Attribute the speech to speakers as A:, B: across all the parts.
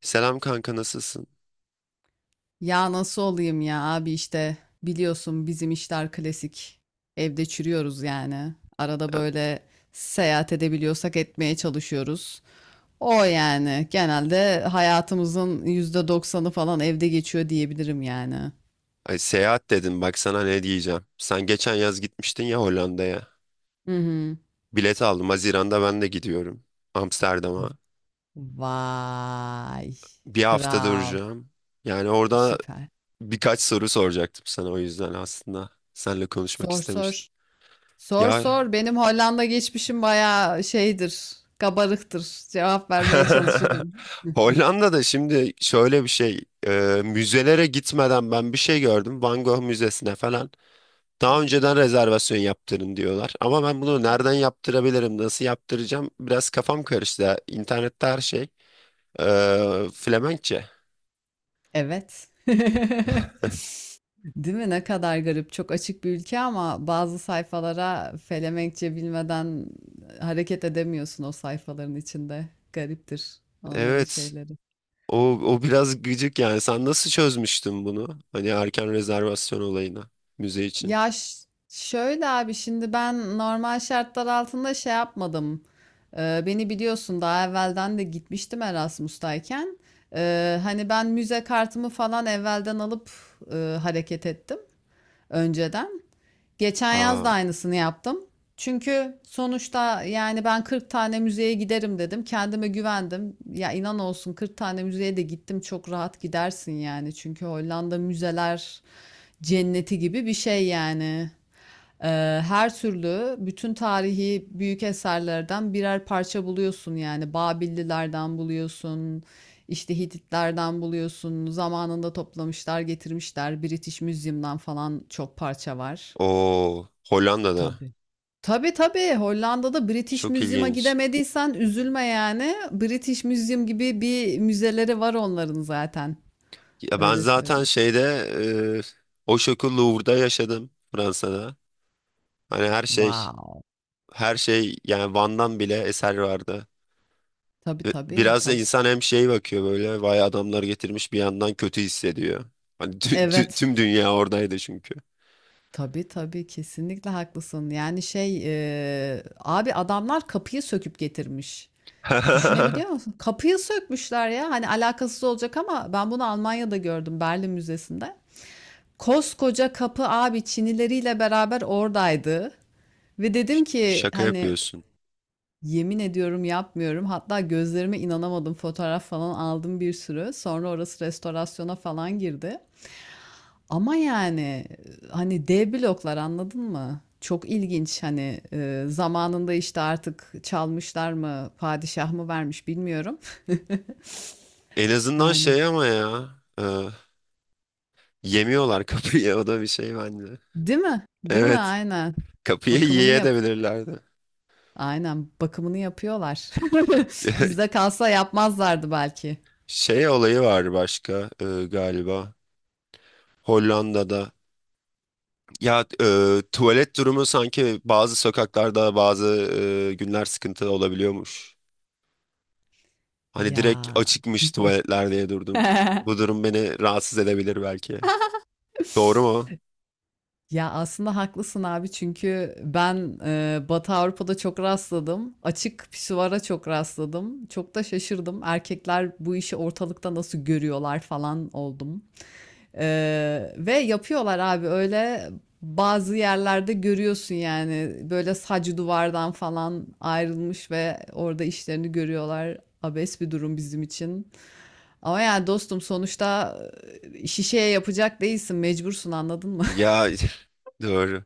A: Selam kanka, nasılsın?
B: Ya nasıl olayım ya abi işte biliyorsun bizim işler klasik. Evde çürüyoruz yani. Arada
A: Ya,
B: böyle seyahat edebiliyorsak etmeye çalışıyoruz. O yani genelde hayatımızın %90'ı falan evde geçiyor diyebilirim yani.
A: ay, seyahat dedim bak sana ne diyeceğim. Sen geçen yaz gitmiştin ya Hollanda'ya.
B: Hı hı.
A: Bilet aldım. Haziran'da ben de gidiyorum. Amsterdam'a.
B: Vay.
A: Bir hafta
B: Kral.
A: duracağım. Yani orada
B: Süper.
A: birkaç soru soracaktım sana o yüzden aslında. Seninle konuşmak
B: Sor sor.
A: istemiştim.
B: Sor
A: Ya
B: sor. Benim Hollanda geçmişim bayağı şeydir. Kabarıktır. Cevap vermeye çalışırım.
A: Hollanda'da şimdi şöyle bir şey. Müzelere gitmeden ben bir şey gördüm. Van Gogh Müzesi'ne falan.
B: Hı
A: Daha önceden
B: hı.
A: rezervasyon yaptırın diyorlar. Ama ben bunu
B: Hı
A: nereden
B: hı.
A: yaptırabilirim, nasıl yaptıracağım? Biraz kafam karıştı. Ya. İnternette her şey Flemenkçe.
B: Evet. Değil mi? Ne kadar garip. Çok açık bir ülke ama bazı sayfalara Felemenkçe bilmeden hareket edemiyorsun o sayfaların içinde. Gariptir onların
A: Evet.
B: şeyleri.
A: O biraz gıcık yani. Sen nasıl çözmüştün bunu? Hani erken rezervasyon olayını müze için.
B: Şöyle abi şimdi ben normal şartlar altında şey yapmadım. Beni biliyorsun daha evvelden de gitmiştim Erasmus'tayken. Hani ben müze kartımı falan evvelden alıp hareket ettim önceden. Geçen yaz
A: Aa,
B: da aynısını yaptım. Çünkü sonuçta yani ben 40 tane müzeye giderim dedim. Kendime güvendim. Ya inan olsun 40 tane müzeye de gittim. Çok rahat gidersin yani. Çünkü Hollanda müzeler cenneti gibi bir şey yani. Ee, Her türlü bütün tarihi büyük eserlerden birer parça buluyorsun yani. Babillilerden buluyorsun. İşte Hititlerden buluyorsun. Zamanında toplamışlar, getirmişler. British Museum'dan falan çok parça var.
A: o Hollanda'da.
B: Tabii. Tabii tabii Hollanda'da British
A: Çok
B: Museum'a
A: ilginç.
B: gidemediysen üzülme yani. British Museum gibi bir müzeleri var onların zaten.
A: Ya ben
B: Öyle
A: zaten
B: söyleyeyim.
A: şeyde eee o şoku Louvre'da yaşadım Fransa'da. Hani her şey
B: Wow.
A: her şey yani Van'dan bile eser vardı.
B: Tabii
A: Ve
B: tabii
A: biraz da
B: tabii.
A: insan hem şey bakıyor böyle vay adamlar getirmiş, bir yandan kötü hissediyor. Hani
B: Evet.
A: tüm dünya oradaydı çünkü.
B: Tabii tabii kesinlikle haklısın. Yani şey abi adamlar kapıyı söküp getirmiş. Düşünebiliyor musun? Kapıyı sökmüşler ya. Hani alakasız olacak ama ben bunu Almanya'da gördüm Berlin Müzesi'nde. Koskoca kapı abi Çinileriyle beraber oradaydı. Ve dedim ki
A: Şaka
B: hani
A: yapıyorsun.
B: yemin ediyorum yapmıyorum. Hatta gözlerime inanamadım. Fotoğraf falan aldım bir sürü. Sonra orası restorasyona falan girdi. Ama yani hani dev bloklar anladın mı? Çok ilginç hani zamanında işte artık çalmışlar mı, padişah mı vermiş bilmiyorum.
A: En azından
B: Yani
A: şey ama ya e, yemiyorlar kapıyı o da bir şey bence.
B: değil mi? Değil mi?
A: Evet,
B: Aynen.
A: kapıyı
B: Bakımını yap.
A: yiyebilirlerdi.
B: Aynen bakımını yapıyorlar. Bizde kalsa yapmazlardı belki.
A: Şey olayı var başka galiba Hollanda'da. Ya tuvalet durumu sanki bazı sokaklarda bazı günler sıkıntı olabiliyormuş. Hani direkt
B: Ya.
A: açıkmış tuvaletler diye durdum. Bu durum beni rahatsız edebilir belki. Doğru mu?
B: Ya aslında haklısın abi çünkü ben Batı Avrupa'da çok rastladım. Açık pisuvara çok rastladım. Çok da şaşırdım. Erkekler bu işi ortalıkta nasıl görüyorlar falan oldum. E, Ve yapıyorlar abi öyle bazı yerlerde görüyorsun yani böyle sac duvardan falan ayrılmış ve orada işlerini görüyorlar. Abes bir durum bizim için. Ama yani dostum sonuçta şişeye yapacak değilsin mecbursun anladın mı?
A: Ya doğru.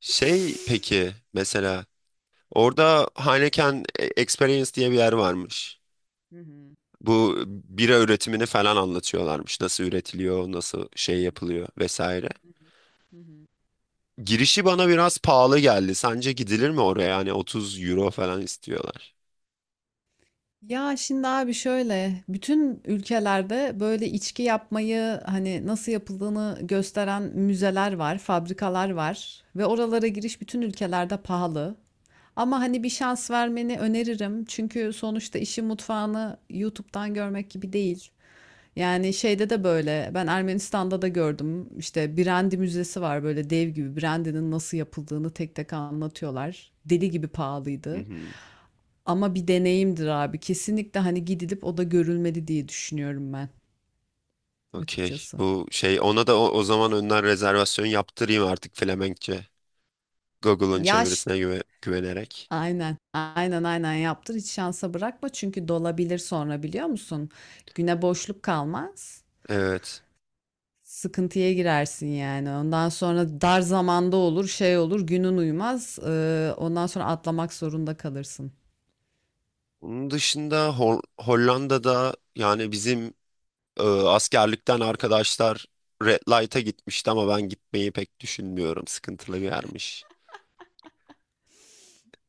A: Şey peki mesela orada Heineken Experience diye bir yer varmış.
B: Hı hı.
A: Bu bira üretimini falan anlatıyorlarmış. Nasıl üretiliyor, nasıl şey yapılıyor vesaire.
B: Hı hı.
A: Girişi bana biraz pahalı geldi. Sence gidilir mi oraya? Yani 30 euro falan istiyorlar.
B: Ya şimdi abi şöyle bütün ülkelerde böyle içki yapmayı hani nasıl yapıldığını gösteren müzeler var, fabrikalar var ve oralara giriş bütün ülkelerde pahalı. Ama hani bir şans vermeni öneririm. Çünkü sonuçta işin mutfağını YouTube'dan görmek gibi değil. Yani şeyde de böyle ben Ermenistan'da da gördüm. İşte Brandy Müzesi var böyle dev gibi. Brandy'nin nasıl yapıldığını tek tek anlatıyorlar. Deli gibi
A: Hı
B: pahalıydı.
A: hı.
B: Ama bir deneyimdir abi. Kesinlikle hani gidilip o da görülmedi diye düşünüyorum ben
A: Okey.
B: açıkçası.
A: Bu şey ona da o zaman önden rezervasyon yaptırayım artık Flemenkçe. Google'ın
B: Yaş
A: çevirisine güvenerek.
B: aynen. Aynen aynen yaptır. Hiç şansa bırakma çünkü dolabilir sonra biliyor musun? Güne boşluk kalmaz.
A: Evet.
B: Sıkıntıya girersin yani. Ondan sonra dar zamanda olur, şey olur, günün uymaz, ondan sonra atlamak zorunda kalırsın.
A: Bunun dışında Hollanda'da yani bizim askerlikten arkadaşlar Red Light'a gitmişti ama ben gitmeyi pek düşünmüyorum. Sıkıntılı bir yermiş.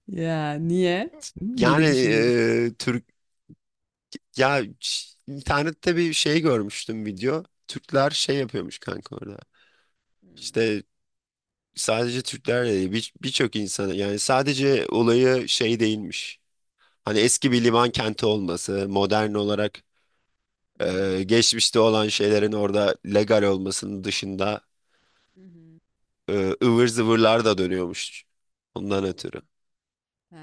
B: Ya niye?
A: Yani
B: Niye düşünmüyorsun?
A: Türk ya internette bir şey görmüştüm, video. Türkler şey yapıyormuş kanka orada.
B: Hmm,
A: İşte sadece Türkler de değil birçok insanı, yani sadece olayı şey değilmiş. Hani eski bir liman kenti olması, modern olarak
B: mhm,
A: geçmişte olan şeylerin orada legal olmasının dışında
B: mhm.
A: ıvır zıvırlar da dönüyormuş. Ondan ötürü.
B: He,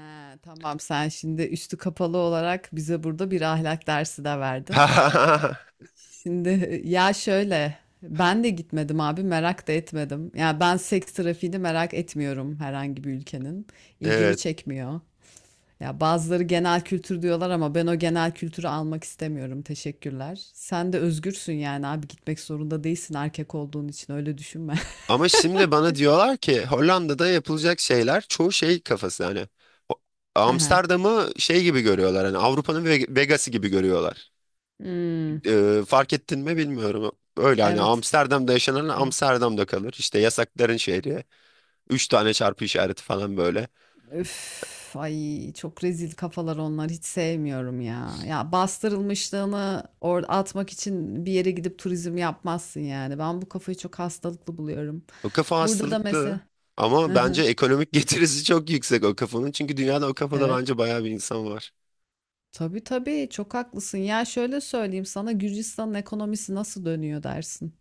B: tamam sen şimdi üstü kapalı olarak bize burada bir ahlak dersi de verdin. Şimdi ya şöyle ben de gitmedim abi merak da etmedim. Ya ben seks trafiğini merak etmiyorum herhangi bir ülkenin. İlgimi
A: Evet.
B: çekmiyor. Ya bazıları genel kültür diyorlar ama ben o genel kültürü almak istemiyorum. Teşekkürler. Sen de özgürsün yani abi gitmek zorunda değilsin erkek olduğun için öyle düşünme.
A: Ama şimdi bana diyorlar ki Hollanda'da yapılacak şeyler çoğu şey kafası, hani Ho-
B: Aha.
A: Amsterdam'ı şey gibi görüyorlar, hani Avrupa'nın Vegas'ı gibi görüyorlar.
B: Hmm,
A: Fark ettin mi bilmiyorum. Öyle hani
B: evet.
A: Amsterdam'da yaşanan
B: Evet.
A: Amsterdam'da kalır. İşte yasakların şehri. Üç tane çarpı işareti falan böyle.
B: Öf, ay çok rezil kafalar onlar hiç sevmiyorum ya. Ya bastırılmışlığını or atmak için bir yere gidip turizm yapmazsın yani. Ben bu kafayı çok hastalıklı buluyorum.
A: O kafa
B: Burada da mesela
A: hastalıklı.
B: hı
A: Ama bence
B: hı,
A: ekonomik getirisi çok yüksek o kafanın. Çünkü dünyada o kafada
B: evet,
A: bence bayağı bir insan var.
B: tabii tabii çok haklısın. Ya şöyle söyleyeyim sana Gürcistan'ın ekonomisi nasıl dönüyor dersin.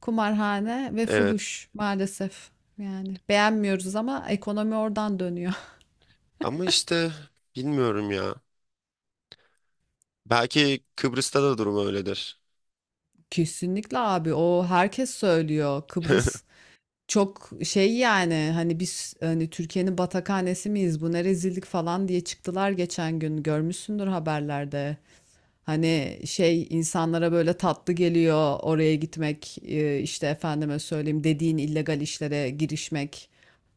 B: Kumarhane ve
A: Evet.
B: fuhuş maalesef. Yani beğenmiyoruz ama ekonomi oradan dönüyor.
A: Ama işte bilmiyorum ya. Belki Kıbrıs'ta da durum öyledir.
B: Kesinlikle abi o herkes söylüyor. Kıbrıs çok şey yani hani biz hani Türkiye'nin batakhanesi miyiz bu ne rezillik falan diye çıktılar geçen gün görmüşsündür haberlerde. Hani şey insanlara böyle tatlı geliyor oraya gitmek işte efendime söyleyeyim dediğin illegal işlere girişmek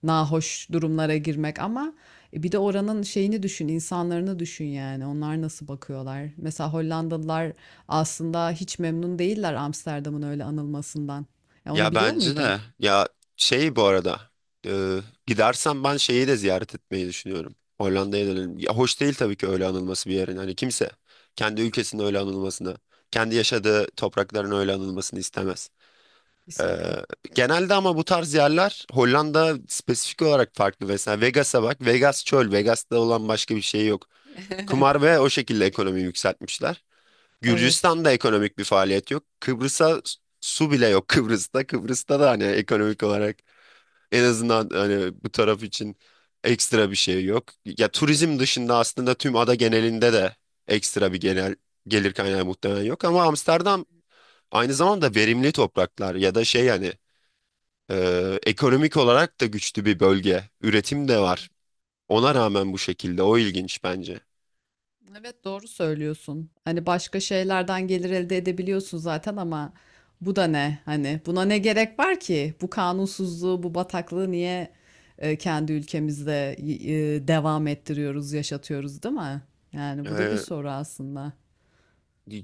B: nahoş durumlara girmek ama bir de oranın şeyini düşün insanlarını düşün yani onlar nasıl bakıyorlar. Mesela Hollandalılar aslında hiç memnun değiller Amsterdam'ın öyle anılmasından. Ya onu
A: Ya
B: biliyor
A: bence
B: muydun?
A: de. Ya şey, bu arada. E, Gidersem ben şeyi de ziyaret etmeyi düşünüyorum. Hollanda'ya dönelim. Ya hoş değil tabii ki öyle anılması bir yerin. Hani kimse kendi ülkesinin öyle anılmasını, kendi yaşadığı toprakların öyle anılmasını istemez. E,
B: Kesinlikle.
A: Genelde ama bu tarz yerler, Hollanda spesifik olarak farklı. Mesela Vegas'a bak. Vegas çöl. Vegas'ta olan başka bir şey yok. Kumar ve o şekilde ekonomi yükseltmişler.
B: Evet.
A: Gürcistan'da ekonomik bir faaliyet yok. Kıbrıs'a su bile yok Kıbrıs'ta. Kıbrıs'ta da hani ekonomik olarak, en azından hani bu taraf için ekstra bir şey yok. Ya
B: Hı
A: turizm
B: hı.
A: dışında aslında tüm ada genelinde de ekstra bir genel gelir kaynağı muhtemelen yok. Ama
B: Hı,
A: Amsterdam aynı zamanda verimli topraklar ya da şey, hani ekonomik olarak da güçlü bir bölge. Üretim de var.
B: evet,
A: Ona
B: evet.
A: rağmen bu şekilde, o ilginç bence.
B: Evet doğru söylüyorsun. Hani başka şeylerden gelir elde edebiliyorsun zaten ama bu da ne? Hani buna ne gerek var ki? Bu kanunsuzluğu, bu bataklığı niye kendi ülkemizde devam ettiriyoruz, yaşatıyoruz, değil mi? Yani bu da bir
A: Ee,
B: soru aslında.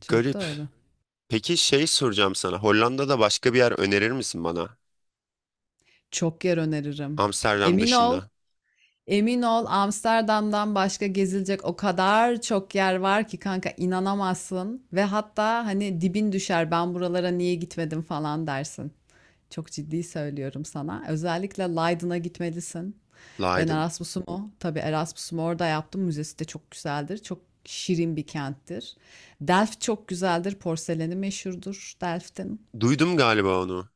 B: Çok
A: Garip.
B: doğru.
A: Peki şey soracağım sana. Hollanda'da başka bir yer önerir misin bana?
B: Çok yer öneririm.
A: Amsterdam
B: Emin ol,
A: dışında.
B: emin ol Amsterdam'dan başka gezilecek o kadar çok yer var ki kanka inanamazsın ve hatta hani dibin düşer ben buralara niye gitmedim falan dersin. Çok ciddi söylüyorum sana. Özellikle Leiden'a gitmelisin. Ben
A: Leiden.
B: Erasmus'umu, tabii Erasmus'umu orada yaptım. Müzesi de çok güzeldir. Çok şirin bir kenttir. Delft çok güzeldir. Porseleni meşhurdur Delft'in.
A: Duydum galiba onu.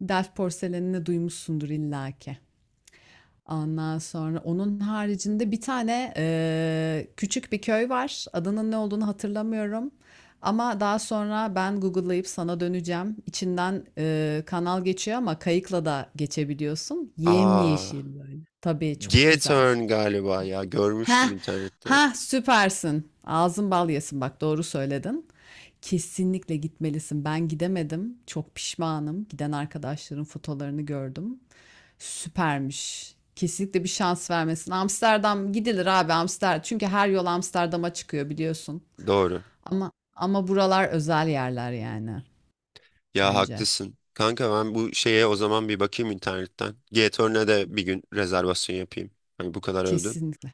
B: Delft porselenini duymuşsundur illaki. Ondan sonra onun haricinde bir tane küçük bir köy var. Adının ne olduğunu hatırlamıyorum. Ama daha sonra ben Google'layıp sana döneceğim. İçinden kanal geçiyor ama kayıkla da geçebiliyorsun.
A: Aa,
B: Yemyeşil böyle. Tabii çok güzel.
A: Giethoorn galiba ya.
B: Ha,
A: Görmüştüm internette.
B: ha süpersin. Ağzın bal yesin bak doğru söyledin. Kesinlikle gitmelisin. Ben gidemedim. Çok pişmanım. Giden arkadaşların fotolarını gördüm. Süpermiş. Kesinlikle bir şans vermesin. Amsterdam gidilir abi Amsterdam. Çünkü her yol Amsterdam'a çıkıyor biliyorsun.
A: Doğru.
B: Ama ama buralar özel yerler yani
A: Ya
B: bence.
A: haklısın. Kanka ben bu şeye o zaman bir bakayım internetten. G-Torne'e de bir gün rezervasyon yapayım. Hani bu kadar övdün.
B: Kesinlikle.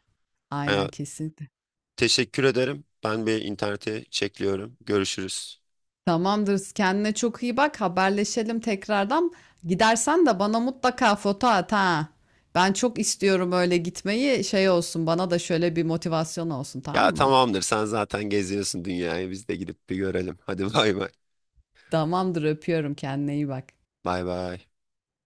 A: Ha,
B: Aynen kesinlikle.
A: teşekkür ederim. Ben bir internete çekliyorum. Görüşürüz.
B: Tamamdır. Kendine çok iyi bak. Haberleşelim tekrardan. Gidersen de bana mutlaka foto at ha. Ben çok istiyorum öyle gitmeyi. Şey olsun bana da şöyle bir motivasyon olsun tamam
A: Ya
B: mı?
A: tamamdır, sen zaten geziyorsun dünyayı. Biz de gidip bir görelim. Hadi, bay bay.
B: Tamamdır öpüyorum kendine iyi bak.
A: Bay bay.